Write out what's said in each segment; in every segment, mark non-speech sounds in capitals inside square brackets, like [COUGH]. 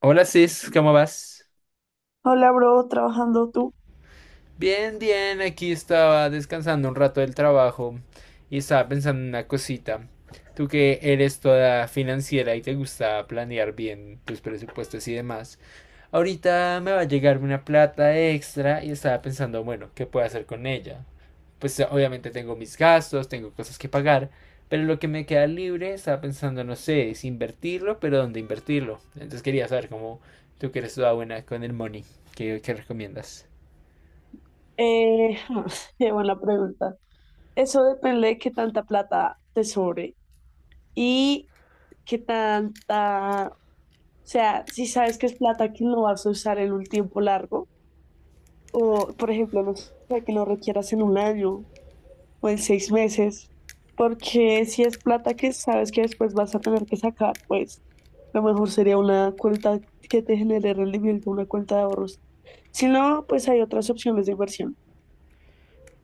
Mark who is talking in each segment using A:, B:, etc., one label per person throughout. A: Hola Cis, ¿cómo vas?
B: Hola, bro, trabajando tú.
A: Bien, bien, aquí estaba descansando un rato del trabajo y estaba pensando en una cosita. Tú que eres toda financiera y te gusta planear bien tus presupuestos y demás, ahorita me va a llegar una plata extra y estaba pensando, bueno, ¿qué puedo hacer con ella? Pues obviamente tengo mis gastos, tengo cosas que pagar, pero lo que me queda libre estaba pensando, no sé, es invertirlo, pero ¿dónde invertirlo? Entonces quería saber cómo, tú que eres toda buena con el money, ¿¿qué recomiendas?
B: Eh, [LAUGHS] qué buena pregunta. Eso depende de qué tanta plata te sobre y qué tanta, o sea, si sabes que es plata que no vas a usar en un tiempo largo, o por ejemplo, no sé, que lo requieras en un año o en seis meses, porque si es plata que sabes que después vas a tener que sacar, pues lo mejor sería una cuenta que te genere rendimiento, una cuenta de ahorros. Si no, pues hay otras opciones de inversión.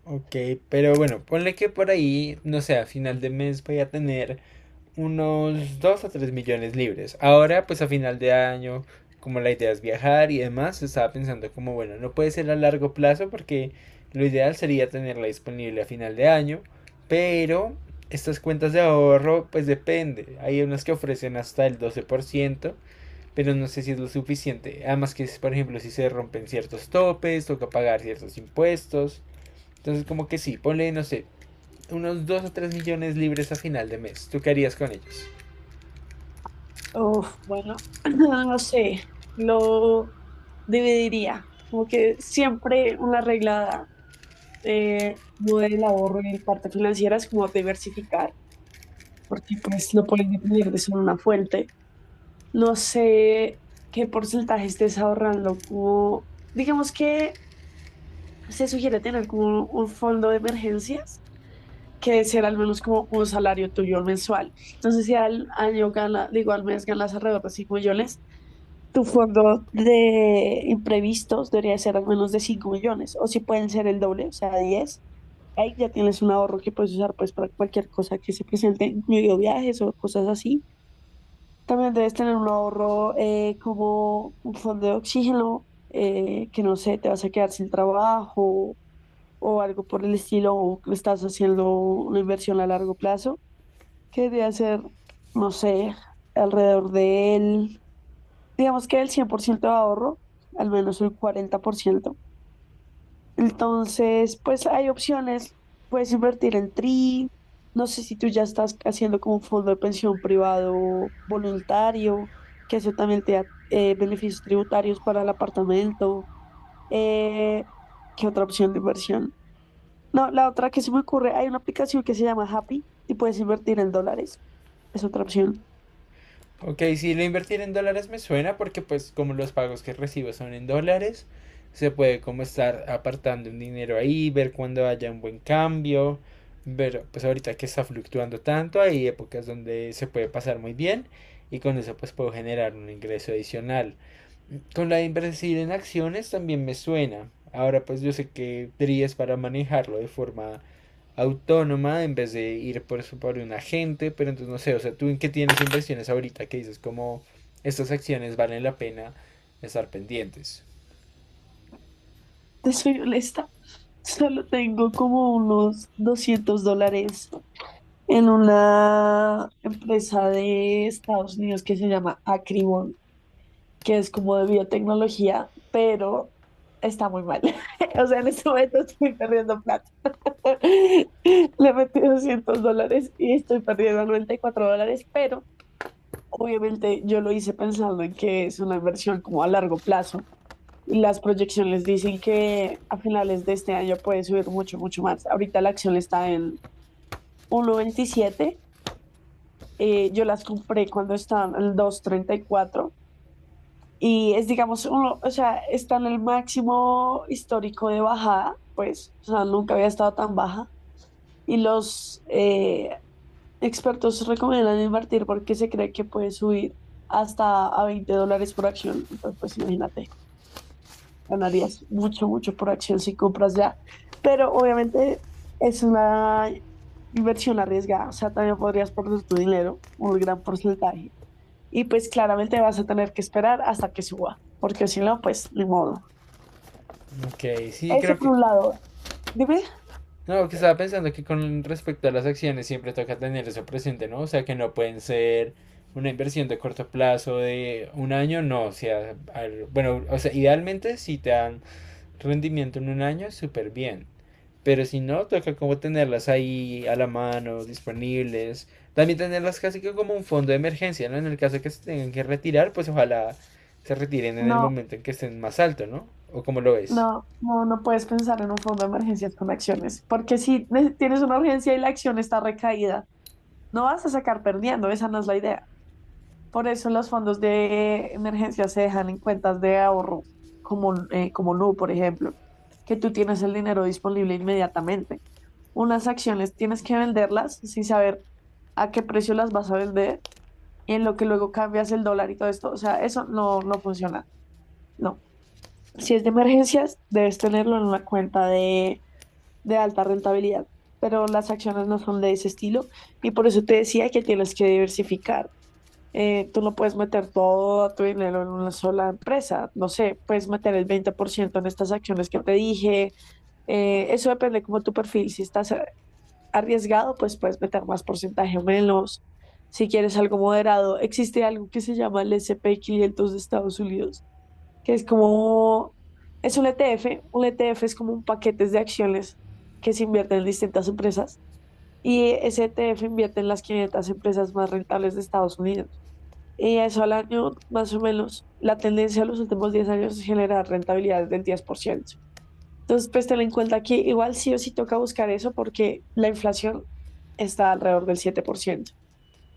A: Ok, pero bueno, ponle que por ahí, no sé, a final de mes voy a tener unos 2 a 3 millones libres. Ahora, pues a final de año, como la idea es viajar y demás, estaba pensando como, bueno, no puede ser a largo plazo porque lo ideal sería tenerla disponible a final de año, pero estas cuentas de ahorro, pues depende. Hay unas que ofrecen hasta el 12%, pero no sé si es lo suficiente. Además que, por ejemplo, si se rompen ciertos topes, toca pagar ciertos impuestos. Entonces, como que sí, ponle, no sé, unos 2 o 3 millones libres a final de mes. ¿Tú qué harías con ellos?
B: Uf, bueno, [CLEARS THROAT] no sé, lo dividiría, como que siempre una regla como del ahorro y parte financiera es como diversificar, porque pues no puedes depender de solo una fuente. No sé qué porcentaje estés ahorrando, como digamos que se sugiere tener como un fondo de emergencias que ser al menos como un salario tuyo mensual. Entonces, si al año gana, digo, al mes ganas alrededor de 5 millones, tu fondo de imprevistos debería ser al menos de 5 millones, o si pueden ser el doble, o sea, diez. Ahí ya tienes un ahorro que puedes usar pues para cualquier cosa que se presente, incluido viajes o cosas así. También debes tener un ahorro como un fondo de oxígeno, que no sé, te vas a quedar sin trabajo o algo por el estilo, o estás haciendo una inversión a largo plazo que debe hacer, no sé, alrededor de él, digamos que el 100% de ahorro, al menos el 40%. Entonces, pues hay opciones, puedes invertir en TRI, no sé si tú ya estás haciendo como un fondo de pensión privado voluntario, que eso también te da beneficios tributarios para el apartamento. Eh, ¿Qué otra opción de inversión? No, la otra que se me ocurre, hay una aplicación que se llama Happy y puedes invertir en dólares. Es otra opción.
A: Ok, si lo invertir en dólares me suena porque, pues, como los pagos que recibo son en dólares, se puede como estar apartando un dinero ahí, ver cuando haya un buen cambio, ver pues ahorita que está fluctuando tanto, hay épocas donde se puede pasar muy bien y con eso pues puedo generar un ingreso adicional. Con la de invertir en acciones también me suena. Ahora pues yo sé que DRI es para manejarlo de forma autónoma en vez de ir por eso por un agente, pero entonces no sé, o sea, tú en qué tienes inversiones ahorita que dices como estas acciones valen la pena estar pendientes.
B: Te soy honesta, solo tengo como unos 200 dólares en una empresa de Estados Unidos que se llama Acribon, que es como de biotecnología, pero está muy mal. [LAUGHS] O sea, en este momento estoy perdiendo plata. [LAUGHS] Le metí 200 dólares y estoy perdiendo 94 dólares, pero obviamente yo lo hice pensando en que es una inversión como a largo plazo. Las proyecciones dicen que a finales de este año puede subir mucho, mucho más. Ahorita la acción está en 1.27. Yo las compré cuando estaban en dos punto treinta y cuatro y es, digamos, uno, o sea, está en el máximo histórico de bajada, pues, o sea, nunca había estado tan baja. Y los expertos recomiendan invertir porque se cree que puede subir hasta a 20 dólares por acción. Entonces, pues imagínate. Ganarías mucho, mucho por acción si compras ya. Pero obviamente es una inversión arriesgada. O sea, también podrías perder tu dinero, un gran porcentaje. Y pues claramente vas a tener que esperar hasta que suba, porque si no, pues ni modo.
A: Ok, sí,
B: Eso
A: creo
B: por
A: que...
B: un lado. Dime,
A: No, que estaba pensando que con respecto a las acciones siempre toca tener eso presente, ¿no? O sea, que no pueden ser una inversión de corto plazo de un año, no, o sea, al- bueno, o sea, idealmente si te dan rendimiento en un año, súper bien. Pero si no, toca como tenerlas ahí a la mano, disponibles. También tenerlas casi que como un fondo de emergencia, ¿no? En el caso de que se tengan que retirar, pues ojalá se retiren en el
B: no,
A: momento en que estén más alto, ¿no? ¿O como lo ves?
B: no puedes pensar en un fondo de emergencias con acciones, porque si ne- tienes una urgencia y la acción está recaída, no vas a sacar perdiendo, esa no es la idea. Por eso los fondos de emergencia se dejan en cuentas de ahorro, como, como Nu, por ejemplo, que tú tienes el dinero disponible inmediatamente. Unas acciones tienes que venderlas sin saber a qué precio las vas a vender y en lo que luego cambias el dólar y todo esto. O sea, eso no, no funciona. No. Si es de emergencias, debes tenerlo en una cuenta de alta rentabilidad, pero las acciones no son de ese estilo y por eso te decía que tienes que diversificar tú no puedes meter todo tu dinero en una sola empresa. No sé, puedes meter el 20% en estas acciones que te dije. Eso depende como tu perfil. Si estás arriesgado, pues puedes meter más porcentaje o menos. Si quieres algo moderado, existe algo que se llama el S&P quinientos de Estados Unidos, que es como, es un ETF. Un ETF es como un paquete de acciones que se invierten en distintas empresas y ese ETF invierte en las 500 empresas más rentables de Estados Unidos. Y eso al año, más o menos, la tendencia de los últimos 10 años es generar rentabilidades del 10%. Entonces, pues ten en cuenta que igual sí o sí toca buscar eso porque la inflación está alrededor del 7%.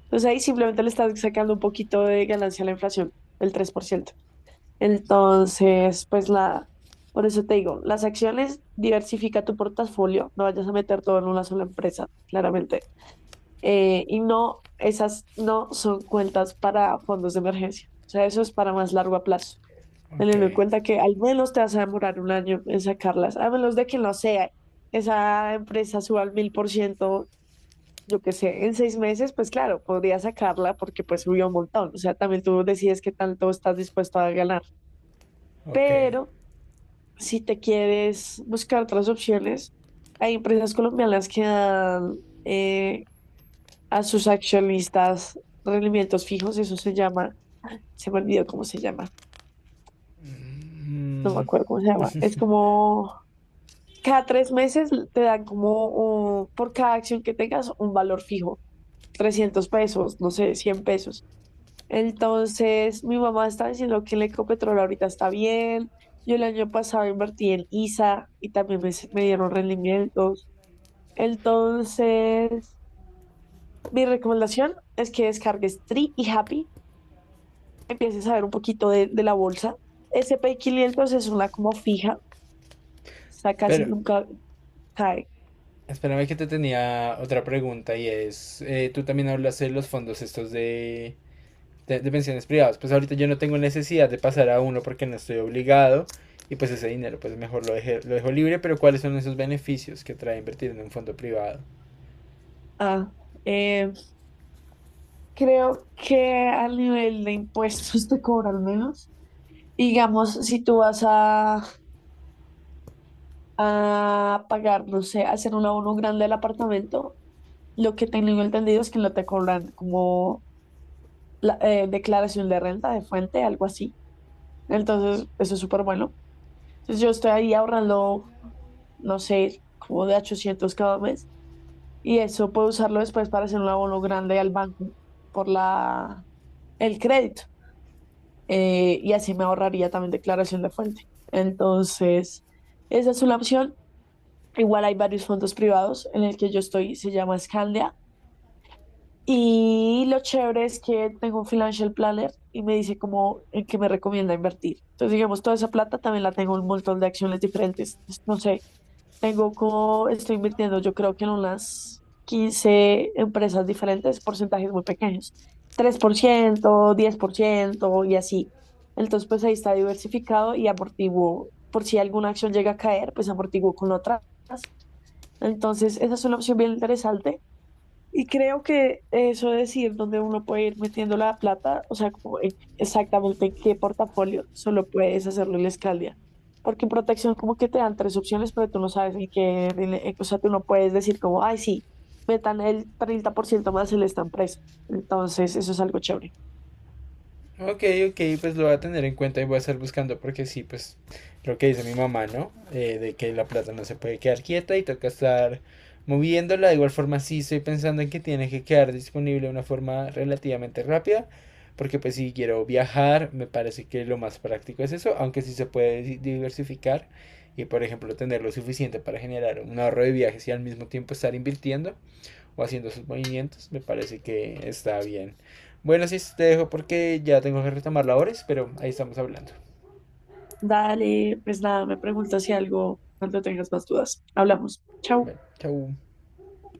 B: Entonces ahí simplemente le estás sacando un poquito de ganancia a la inflación, el 3%. Entonces, pues la, por eso te digo, las acciones, diversifica tu portafolio, no vayas a meter todo en una sola empresa, claramente y no, esas no son cuentas para fondos de emergencia. O sea, eso es para más largo plazo.
A: Ok,
B: Teniendo en cuenta que al menos te vas a demorar un año en sacarlas, a menos de que no sea esa empresa suba al mil por ciento, yo qué sé, en seis meses, pues claro, podría sacarla porque pues subió un montón. O sea, también tú decides qué tanto estás dispuesto a ganar.
A: ok.
B: Pero si te quieres buscar otras opciones, hay empresas colombianas que dan eh, a sus accionistas rendimientos fijos, eso se llama, se me olvidó cómo se llama, no me
A: Mm,
B: acuerdo cómo se llama, es como cada tres meses te dan como un- por cada acción que tengas un valor fijo, 300 pesos, no sé, 100 pesos. Entonces, mi mamá está diciendo que el Ecopetrol ahorita está bien. Yo el año pasado invertí en ISA y también me dieron rendimientos. Entonces, mi recomendación es que descargues Tree y Happy, empieces a ver un poquito de la bolsa. S&P 500 es una como fija, o sea casi
A: pero,
B: nunca cae.
A: espérame que te tenía otra pregunta y es, tú también hablas de los fondos estos de pensiones privadas. Pues ahorita yo no tengo necesidad de pasar a uno porque no estoy obligado y pues ese dinero pues mejor lo, deje- lo dejo libre, pero ¿cuáles son esos beneficios que trae invertir en un fondo privado?
B: Ah, eh, creo que al nivel de impuestos te cobran menos. Digamos, si tú vas a pagar, no sé, hacer un abono grande del apartamento, lo que tengo entendido es que no te cobran como la, declaración de renta de fuente, algo así. Entonces, eso es súper bueno. Entonces, yo estoy ahí ahorrando, no sé, como de 800 cada mes y eso puede usarlo después para hacer un abono grande al banco por la, el crédito. Y así me ahorraría también declaración de fuente. Entonces, esa es una opción. Igual hay varios fondos privados en el que yo estoy, se llama Scandia. Y lo chévere es que tengo un financial planner y me dice como en qué me recomienda invertir. Entonces, digamos, toda esa plata también la tengo en un montón de acciones diferentes. No sé, tengo como, estoy invirtiendo, yo creo que en unas 15 empresas diferentes, porcentajes muy pequeños, tres por ciento diez por ciento y así. Entonces, pues ahí está diversificado y amortiguo. Por si alguna acción llega a caer, pues amortiguo con otras. Entonces, esa es una opción bien interesante. Y creo que eso de decir dónde uno puede ir metiendo la plata, o sea, como en- exactamente en qué portafolio, solo puedes hacerlo en la Escaldia. Porque en protección como que te dan tres opciones, pero tú no sabes en qué, en- o sea, tú no puedes decir como, ay, sí, metan el 30% más en esta empresa. Entonces, eso es algo chévere.
A: Ok, ok, pues lo voy a tener en cuenta y voy a estar buscando porque sí, pues lo que dice mi mamá, ¿no? De que la plata no se puede quedar quieta y toca estar moviéndola. De igual forma, sí estoy pensando en que tiene que quedar disponible de una forma relativamente rápida porque pues si quiero viajar, me parece que lo más práctico es eso, aunque sí se puede di- diversificar y por ejemplo tener lo suficiente para generar un ahorro de viajes y al mismo tiempo estar invirtiendo o haciendo sus movimientos, me parece que está bien. Bueno, sí, te dejo porque ya tengo que retomar labores, pero ahí estamos hablando.
B: Dale, pues nada, me preguntas si algo cuando tengas más dudas. Hablamos. Chao.
A: Bueno, chau.